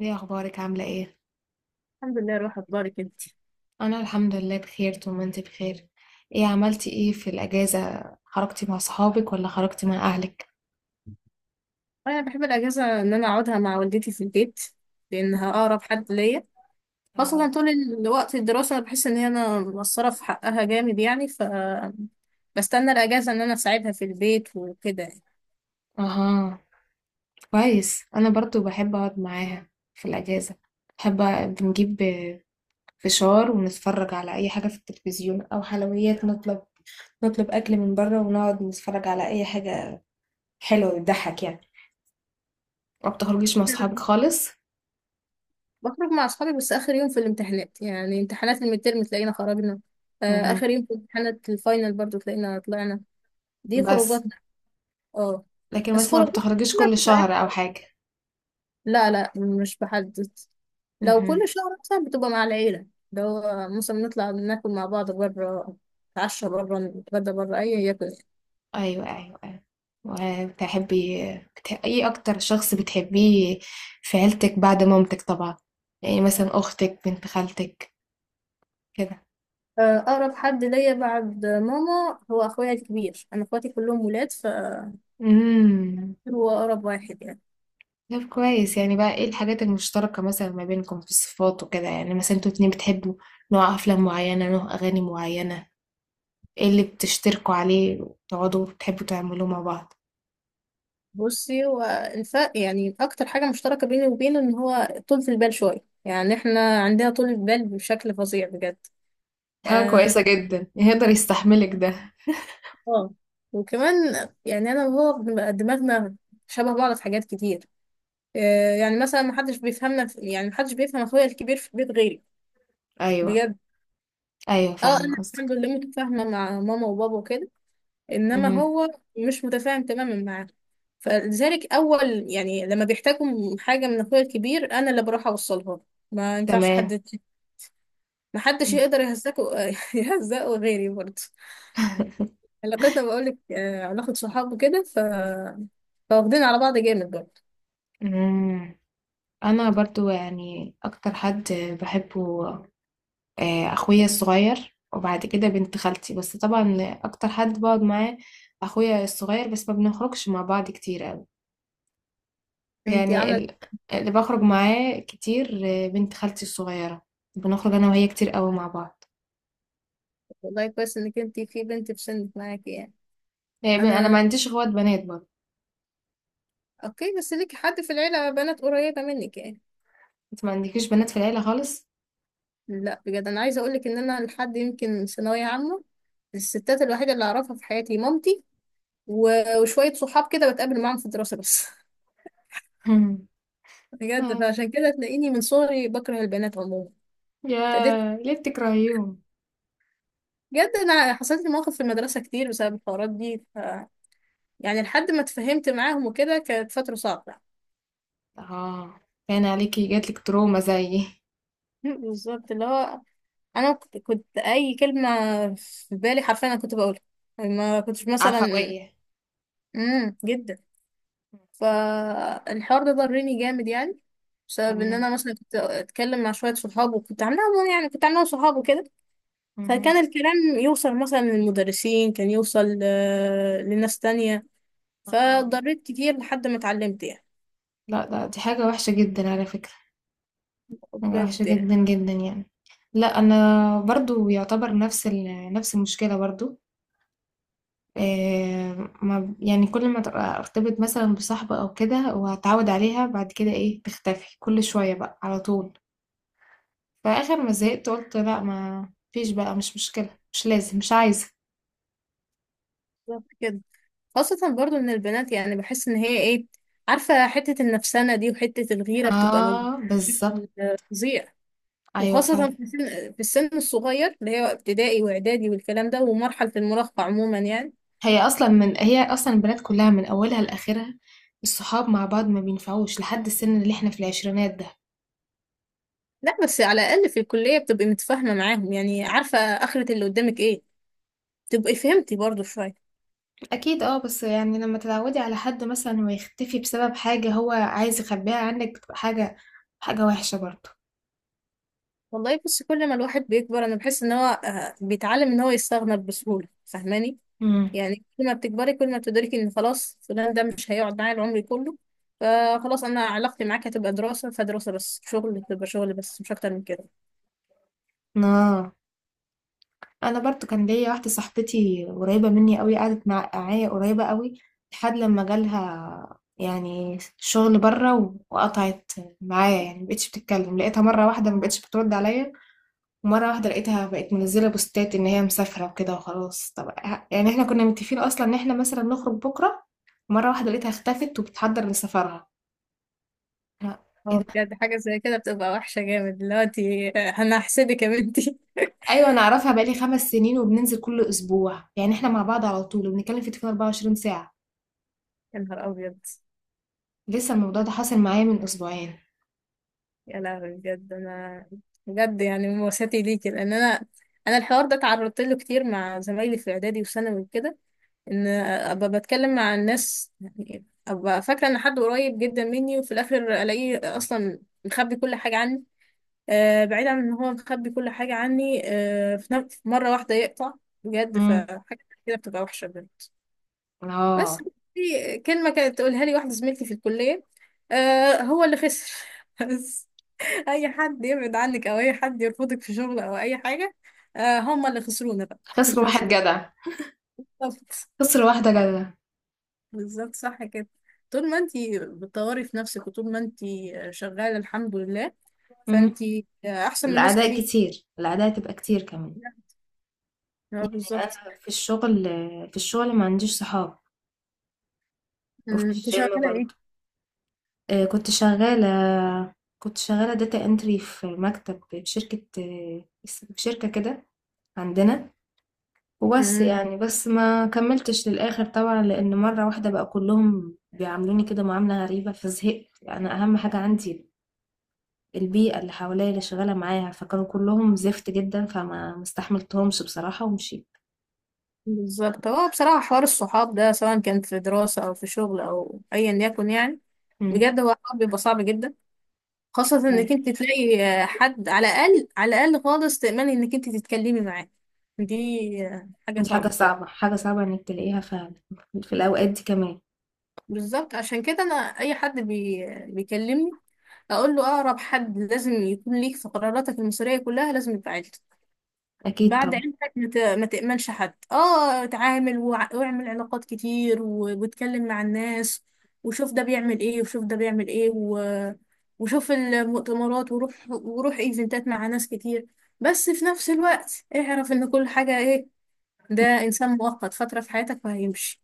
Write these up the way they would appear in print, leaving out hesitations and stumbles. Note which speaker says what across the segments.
Speaker 1: ايه اخبارك؟ عامله ايه؟
Speaker 2: الحمد لله، روح اخبارك انت؟
Speaker 1: انا الحمد لله بخير طول ما انت بخير. ايه عملتي ايه في الاجازه؟ خرجتي مع صحابك ولا خرجتي مع اهلك؟
Speaker 2: انا بحب الاجازه ان انا اقعدها مع والدتي في البيت، لانها اقرب حد ليا. خاصه
Speaker 1: اه.
Speaker 2: طول الوقت الدراسه انا بحس ان هي انا مقصره في حقها جامد، يعني ف بستنى الاجازه ان انا اساعدها في البيت وكده يعني.
Speaker 1: اها. كويس، انا برضو بحب اقعد معاها في الاجازه. بحب بنجيب فشار ونتفرج على اي حاجه في التلفزيون، او حلويات نطلب اكل من بره ونقعد نتفرج على اي حاجه حلوه، بتضحك يعني. ما بتخرجيش مع صحابك
Speaker 2: مم.
Speaker 1: خالص؟
Speaker 2: بخرج مع اصحابي، بس اخر يوم في الامتحانات يعني امتحانات الميدترم تلاقينا خرجنا.
Speaker 1: مهم.
Speaker 2: اخر يوم في امتحانات الفاينل برضو تلاقينا طلعنا. دي
Speaker 1: بس.
Speaker 2: خروجاتنا. اه.
Speaker 1: لكن
Speaker 2: بس
Speaker 1: مثلا ما
Speaker 2: خروجاتنا
Speaker 1: بتخرجيش
Speaker 2: كلها
Speaker 1: كل
Speaker 2: بتبقى.
Speaker 1: شهر او حاجه؟
Speaker 2: لا، لا، مش بحدد. لو كل
Speaker 1: مهم.
Speaker 2: شهر مثلا بتبقى مع العيلة. لو مثلا نطلع ناكل مع بعض بره، نتعشى بره، نتغدى بره، أي هي كده.
Speaker 1: أيوه أيوه أيوه. وبتحبي، إيه أكتر شخص بتحبيه في عيلتك بعد مامتك طبعا؟ يعني مثلا أختك، بنت خالتك، كده.
Speaker 2: آه، أقرب حد ليا بعد ماما هو أخويا الكبير. أنا أخواتي كلهم ولاد، فهو
Speaker 1: امم.
Speaker 2: أقرب واحد يعني.
Speaker 1: طب كويس، يعني بقى إيه الحاجات المشتركة مثلا ما بينكم في الصفات وكده؟ يعني مثلا انتوا اتنين بتحبوا نوع أفلام معينة، نوع أغاني معينة؟ إيه اللي بتشتركوا عليه وتقعدوا بتحبوا تعملوه مع بعض؟
Speaker 2: بصي، هو الفرق يعني أكتر حاجة مشتركة بيني وبينه إن هو طولة البال شوية، يعني إحنا عندنا طولة بال بشكل فظيع بجد.
Speaker 1: حاجة
Speaker 2: آه.
Speaker 1: كويسة جدا، يقدر يستحملك ده.
Speaker 2: آه. وكمان يعني أنا وهو بنبقى دماغنا شبه بعض في حاجات كتير. آه، يعني مثلا ما حدش بيفهمنا ما حدش بيفهم اخويا الكبير في البيت غيري.
Speaker 1: أيوه
Speaker 2: بجد.
Speaker 1: أيوه،
Speaker 2: اه،
Speaker 1: فاهمة
Speaker 2: انا الحمد
Speaker 1: قصدك.
Speaker 2: لله متفاهمه مع ماما وبابا وكده، انما
Speaker 1: مهم.
Speaker 2: هو مش متفاهم تماما معاه. فلذلك، اول يعني لما بيحتاجوا حاجه من اخويا الكبير انا اللي بروح اوصلها له. ما ينفعش
Speaker 1: تمام.
Speaker 2: حد، ما حدش يقدر يهزقه يهزقه غيري برضه. علاقتنا بقول لك علاقه صحاب وكده. فواخدين على بعض جامد برضه.
Speaker 1: مم. انا برضو يعني اكتر حد بحبه، اخويا الصغير، وبعد كده بنت خالتي. بس طبعا اكتر حد بقعد معاه اخويا الصغير، بس ما بنخرجش مع بعض كتير قوي.
Speaker 2: انتي
Speaker 1: يعني
Speaker 2: عامله.
Speaker 1: اللي بخرج معاه كتير، بنت خالتي الصغيرة. بنخرج انا وهي كتير قوي مع بعض.
Speaker 2: والله كويس انك انتي في بنت في سنك معاكي يعني.
Speaker 1: يعني انا ما
Speaker 2: انا
Speaker 1: عنديش اخوات بنات برضو.
Speaker 2: اوكي، بس ليكي حد في العيلة بنات قريبة منك يعني؟
Speaker 1: انت ما عندكيش بنات في العيلة خالص؟
Speaker 2: لا، بجد انا عايزة اقولك ان انا لحد يمكن ثانوية عامة الستات الوحيدة اللي اعرفها في حياتي مامتي، و- وشوية صحاب كده بتقابل معاهم في الدراسة بس.
Speaker 1: مم.
Speaker 2: بجد،
Speaker 1: آه.
Speaker 2: فعشان كده تلاقيني من صغري بكره البنات عموما. ابتديت
Speaker 1: يا ليه بتكرهيهم؟
Speaker 2: بجد، انا حصلت لي مواقف في المدرسة كتير بسبب الحوارات دي. يعني لحد ما اتفهمت معاهم وكده كانت فترة صعبة.
Speaker 1: اه. كان عليكي جاتلك تروما زي.
Speaker 2: بالظبط، اللي هو انا كنت اي كلمة في بالي حرفيا انا كنت بقولها، ما كنتش مثلا
Speaker 1: عفوية.
Speaker 2: جدا. فالحوار ده ضرني جامد يعني، بسبب ان
Speaker 1: تمام.
Speaker 2: انا مثلا كنت اتكلم مع شويه صحاب، وكنت عاملاهم يعني كنت عاملاهم صحاب وكده. فكان
Speaker 1: اهم.
Speaker 2: الكلام يوصل مثلا للمدرسين، كان يوصل لناس تانية.
Speaker 1: آه.
Speaker 2: فضريت كتير لحد ما اتعلمت يعني.
Speaker 1: لأ، دي حاجة وحشة جدًا على فكرة. حاجة وحشة
Speaker 2: بجد يعني.
Speaker 1: جدًا، جدًا يعني. لأ، أنا برضه يعتبر نفس المشكلة برضه. آآ، ما يعني كل ما تبقى أرتبط مثلًا بصاحبة أو كده وأتعود عليها، بعد كده إيه، تختفي كل شوية بقى على طول. فآخر ما زهقت قُلت لأ، ما فيش بقى، مش مشكلة، مش لازم، مش عايزة.
Speaker 2: بالظبط كده. خاصة برضو ان البنات يعني بحس ان هي ايه، عارفة حتة النفسانة دي وحتة الغيرة بتبقى موجودة
Speaker 1: آه، بالضبط.
Speaker 2: بشكل فظيع.
Speaker 1: أيوه
Speaker 2: وخاصة
Speaker 1: فعلًا.
Speaker 2: في السن الصغير اللي هي ابتدائي واعدادي والكلام ده ومرحلة المراهقة عموما يعني.
Speaker 1: هي اصلا البنات كلها من اولها لاخرها. الصحاب مع بعض ما بينفعوش لحد السن اللي احنا في العشرينات ده.
Speaker 2: لا، بس على الأقل في الكلية بتبقي متفاهمة معاهم، يعني عارفة آخرة اللي قدامك ايه، تبقي فهمتي برضو شوية.
Speaker 1: اكيد. اه، بس يعني لما تتعودي على حد مثلا ويختفي بسبب حاجة هو عايز يخبيها عنك، بتبقى حاجة وحشة برضه.
Speaker 2: والله بص، كل ما الواحد بيكبر أنا بحس إن هو بيتعلم إن هو يستغنى بسهولة، فاهماني؟
Speaker 1: امم.
Speaker 2: يعني كل ما بتكبري كل ما بتدركي إن خلاص فلان ده مش هيقعد معايا العمر كله. فخلاص، أنا علاقتي معاك هتبقى دراسة فدراسة بس، شغل تبقى شغل بس، مش أكتر من كده.
Speaker 1: اه، انا برضه كان ليا واحدة صاحبتي قريبة مني قوي، قعدت معايا قريبة قوي لحد لما جالها يعني شغل بره، وقطعت معايا. يعني مبقتش بتتكلم. لقيتها مرة واحدة مبقتش بترد عليا. مرة واحدة لقيتها بقت منزلة بوستات إن هي مسافرة وكده وخلاص. طب يعني احنا كنا متفقين أصلا إن احنا مثلا نخرج بكرة. مرة واحدة لقيتها اختفت وبتحضر لسفرها. أنا- إيه
Speaker 2: اه،
Speaker 1: ده؟
Speaker 2: بجد حاجة زي كده بتبقى وحشة جامد دلوقتي. آه، أنا هحسدك يا بنتي
Speaker 1: أيوة أنا أعرفها بقالي 5 سنين، وبننزل كل أسبوع، يعني احنا مع بعض على طول، وبنتكلم في التليفون 24 ساعة.
Speaker 2: يا نهار أبيض!
Speaker 1: لسه الموضوع ده حاصل معايا من أسبوعين.
Speaker 2: يا لهوي، بجد بجد يعني مواساتي ليكي، لان انا الحوار ده تعرضت له كتير مع زمايلي في اعدادي وثانوي وكده، ان ابقى بتكلم مع الناس، يعني ابقى فاكره ان حد قريب جدا مني وفي الاخر الاقيه اصلا مخبي كل حاجه عني. بعيد عن ان هو مخبي كل حاجه عني، في مره واحده يقطع. بجد،
Speaker 1: امم.
Speaker 2: فحاجه كده بتبقى وحشه بجد. بس
Speaker 1: اه.
Speaker 2: في كلمه كانت تقولها لي واحده زميلتي في الكليه، آه، هو اللي خسر. بس اي حد يبعد عنك او اي حد يرفضك في شغل او اي حاجه، آه، هم اللي خسرونا بقى،
Speaker 1: خسر
Speaker 2: مش
Speaker 1: واحد
Speaker 2: مشكله.
Speaker 1: جدع.
Speaker 2: بالظبط.
Speaker 1: خسر واحدة جدع.
Speaker 2: بالظبط صح كده. طول ما انتي بتطوري في نفسك وطول ما انتي شغاله الحمد لله،
Speaker 1: امم.
Speaker 2: فانتي احسن من ناس
Speaker 1: الأعداء
Speaker 2: كتير
Speaker 1: كتير، الأعداء تبقى كتير كمان.
Speaker 2: يعني. اه،
Speaker 1: يعني
Speaker 2: بالظبط.
Speaker 1: أنا في الشغل ما عنديش صحاب. وفي
Speaker 2: انت
Speaker 1: الجيم
Speaker 2: شغاله
Speaker 1: برضه.
Speaker 2: ايه؟
Speaker 1: آه، كنت شغالة كنت شغالة داتا انتري في مكتب في شركة، في شركة كده عندنا. وبس
Speaker 2: أمم،
Speaker 1: يعني، بس ما كملتش للآخر طبعا، لأن مرة واحدة بقى كلهم بيعاملوني كده معاملة غريبة فزهقت. يعني أهم حاجة عندي البيئة اللي حواليا اللي شغالة معايا، فكانوا كلهم زفت جدا فما مستحملتهمش بصراحة ومشيت.
Speaker 2: بالظبط، هو بصراحه حوار الصحاب ده، سواء كان في دراسه او في شغل او ايا يكن يعني،
Speaker 1: امم.
Speaker 2: بجد هو حوار بيبقى صعب جدا. خاصة
Speaker 1: فعلا.
Speaker 2: انك انت تلاقي حد على الاقل، على الاقل خالص، تأمني انك انت تتكلمي معاه، دي حاجة
Speaker 1: دي حاجة
Speaker 2: صعبة بجد.
Speaker 1: صعبة، حاجة صعبة إنك تلاقيها فعلا في الأوقات دي كمان.
Speaker 2: بالظبط، عشان كده انا اي حد بيكلمني اقول له اقرب حد لازم يكون ليك في قراراتك المصيرية كلها لازم يبقى عيلتك.
Speaker 1: أكيد
Speaker 2: بعد
Speaker 1: طبعا.
Speaker 2: عيلتك ما تأمنش حد، اتعامل واعمل علاقات كتير واتكلم مع الناس، وشوف ده بيعمل ايه وشوف ده بيعمل ايه، وشوف المؤتمرات وروح ايفنتات مع ناس كتير. بس في نفس الوقت اعرف ان كل حاجة ايه، ده انسان مؤقت فترة في حياتك وهيمشي.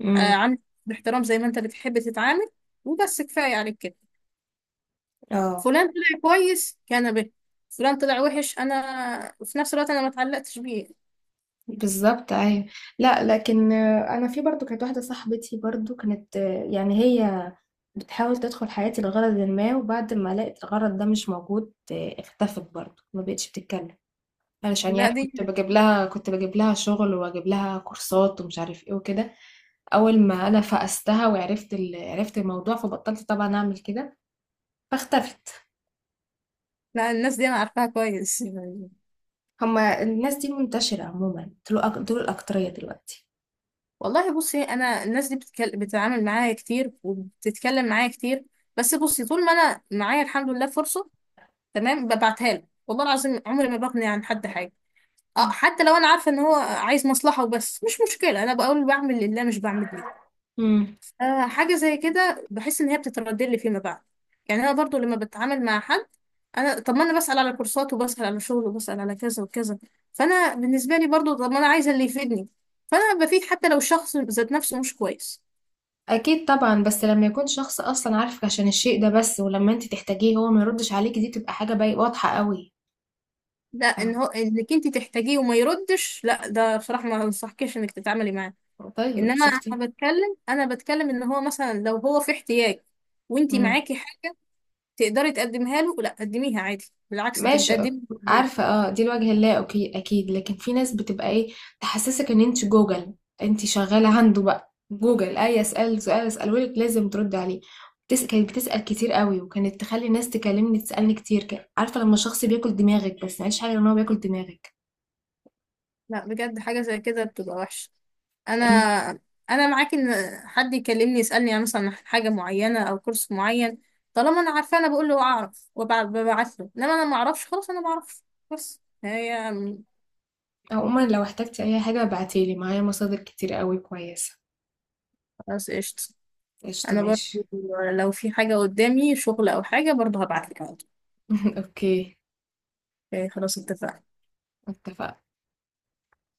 Speaker 1: امم.
Speaker 2: آه، عامل باحترام زي ما انت بتحب تتعامل، وبس كفاية عليك كده.
Speaker 1: اه،
Speaker 2: فلان طلع كويس كان به، فلان طلع وحش، انا في نفس الوقت انا ما اتعلقتش بيه.
Speaker 1: بالظبط، ايوه. لا لكن انا في برضو كانت واحده صاحبتي برضو كانت، يعني هي بتحاول تدخل حياتي لغرض ما، وبعد ما لقت الغرض ده مش موجود، اختفت برضو، ما بقتش بتتكلم. علشان
Speaker 2: لا
Speaker 1: يعني
Speaker 2: دي
Speaker 1: كنت بجيب لها شغل، واجيب لها كورسات ومش عارف ايه وكده. اول ما انا فقستها وعرفت عرفت الموضوع، فبطلت طبعا اعمل كده، فاختفت.
Speaker 2: لا، الناس دي انا عارفاها كويس يعني.
Speaker 1: هما الناس دي منتشره عموما، دول الاكتريه دلوقتي.
Speaker 2: والله بصي، انا الناس دي بتتعامل معايا كتير وبتتكلم معايا كتير. بس بصي، طول ما انا معايا الحمد لله فرصه تمام ببعتها له، والله العظيم عمري ما بغني عن حد حاجه. اه،
Speaker 1: مم.
Speaker 2: حتى لو انا عارفه ان هو عايز مصلحه وبس، مش مشكله، انا بقول بعمل لله مش بعمل ليه.
Speaker 1: مم.
Speaker 2: حاجة زي كده بحس إن هي بتتردد لي فيما بعد. يعني أنا برضو لما بتعامل مع حد، أنا طب ما أنا بسأل على كورسات وبسأل على شغل وبسأل على كذا وكذا، فأنا بالنسبة لي برضو طب ما أنا عايزة اللي يفيدني، فأنا بفيد حتى لو الشخص ذات نفسه مش كويس.
Speaker 1: اكيد طبعا، بس لما يكون شخص اصلا عارفك عشان الشيء ده بس، ولما انت تحتاجيه هو ما يردش عليكي، دي تبقى حاجه باي واضحه قوي.
Speaker 2: لا، إن
Speaker 1: فاهمة؟
Speaker 2: هو إنك أنت تحتاجيه وما يردش، لا ده بصراحة ما أنصحكيش إنك تتعاملي معاه.
Speaker 1: طيب
Speaker 2: إنما
Speaker 1: شفتي.
Speaker 2: أنا بتكلم إن هو مثلا لو هو في احتياج، وأنت
Speaker 1: امم.
Speaker 2: معاكي حاجة تقدري تقدمها له، لا قدميها عادي، بالعكس أنت
Speaker 1: ماشي
Speaker 2: بتقدمي.
Speaker 1: عارفه، اه دي الوجه اللا اوكي اكيد، لكن في ناس بتبقى ايه، تحسسك ان انت جوجل. انت شغاله عنده بقى جوجل، اي اسال سؤال اساله لك لازم ترد عليه. كانت بتسال كتير قوي، وكانت تخلي الناس تكلمني تسالني كتير، عارفه لما شخص بياكل دماغك، بس معلش حاجه ان هو بياكل دماغك.
Speaker 2: لا، بجد حاجة زي كده بتبقى وحشة. انا انا معاك، ان حد يكلمني يسالني يعني مثلا عن حاجه معينه او كورس معين، طالما انا عارفه انا بقول له اعرف وببعت له، انما انا ما اعرفش خلاص انا ما اعرفش. بس هي.
Speaker 1: عموما لو احتجتي اي حاجة ابعتيلي، معايا مصادر كتير قوي كويسة.
Speaker 2: خلاص قشطه.
Speaker 1: قشطة
Speaker 2: انا
Speaker 1: ماشي.
Speaker 2: برضو، لو في حاجه قدامي شغل او حاجه برضو هبعت لك على طول.
Speaker 1: اوكي.
Speaker 2: إيه، خلاص اتفقنا.
Speaker 1: اتفقنا.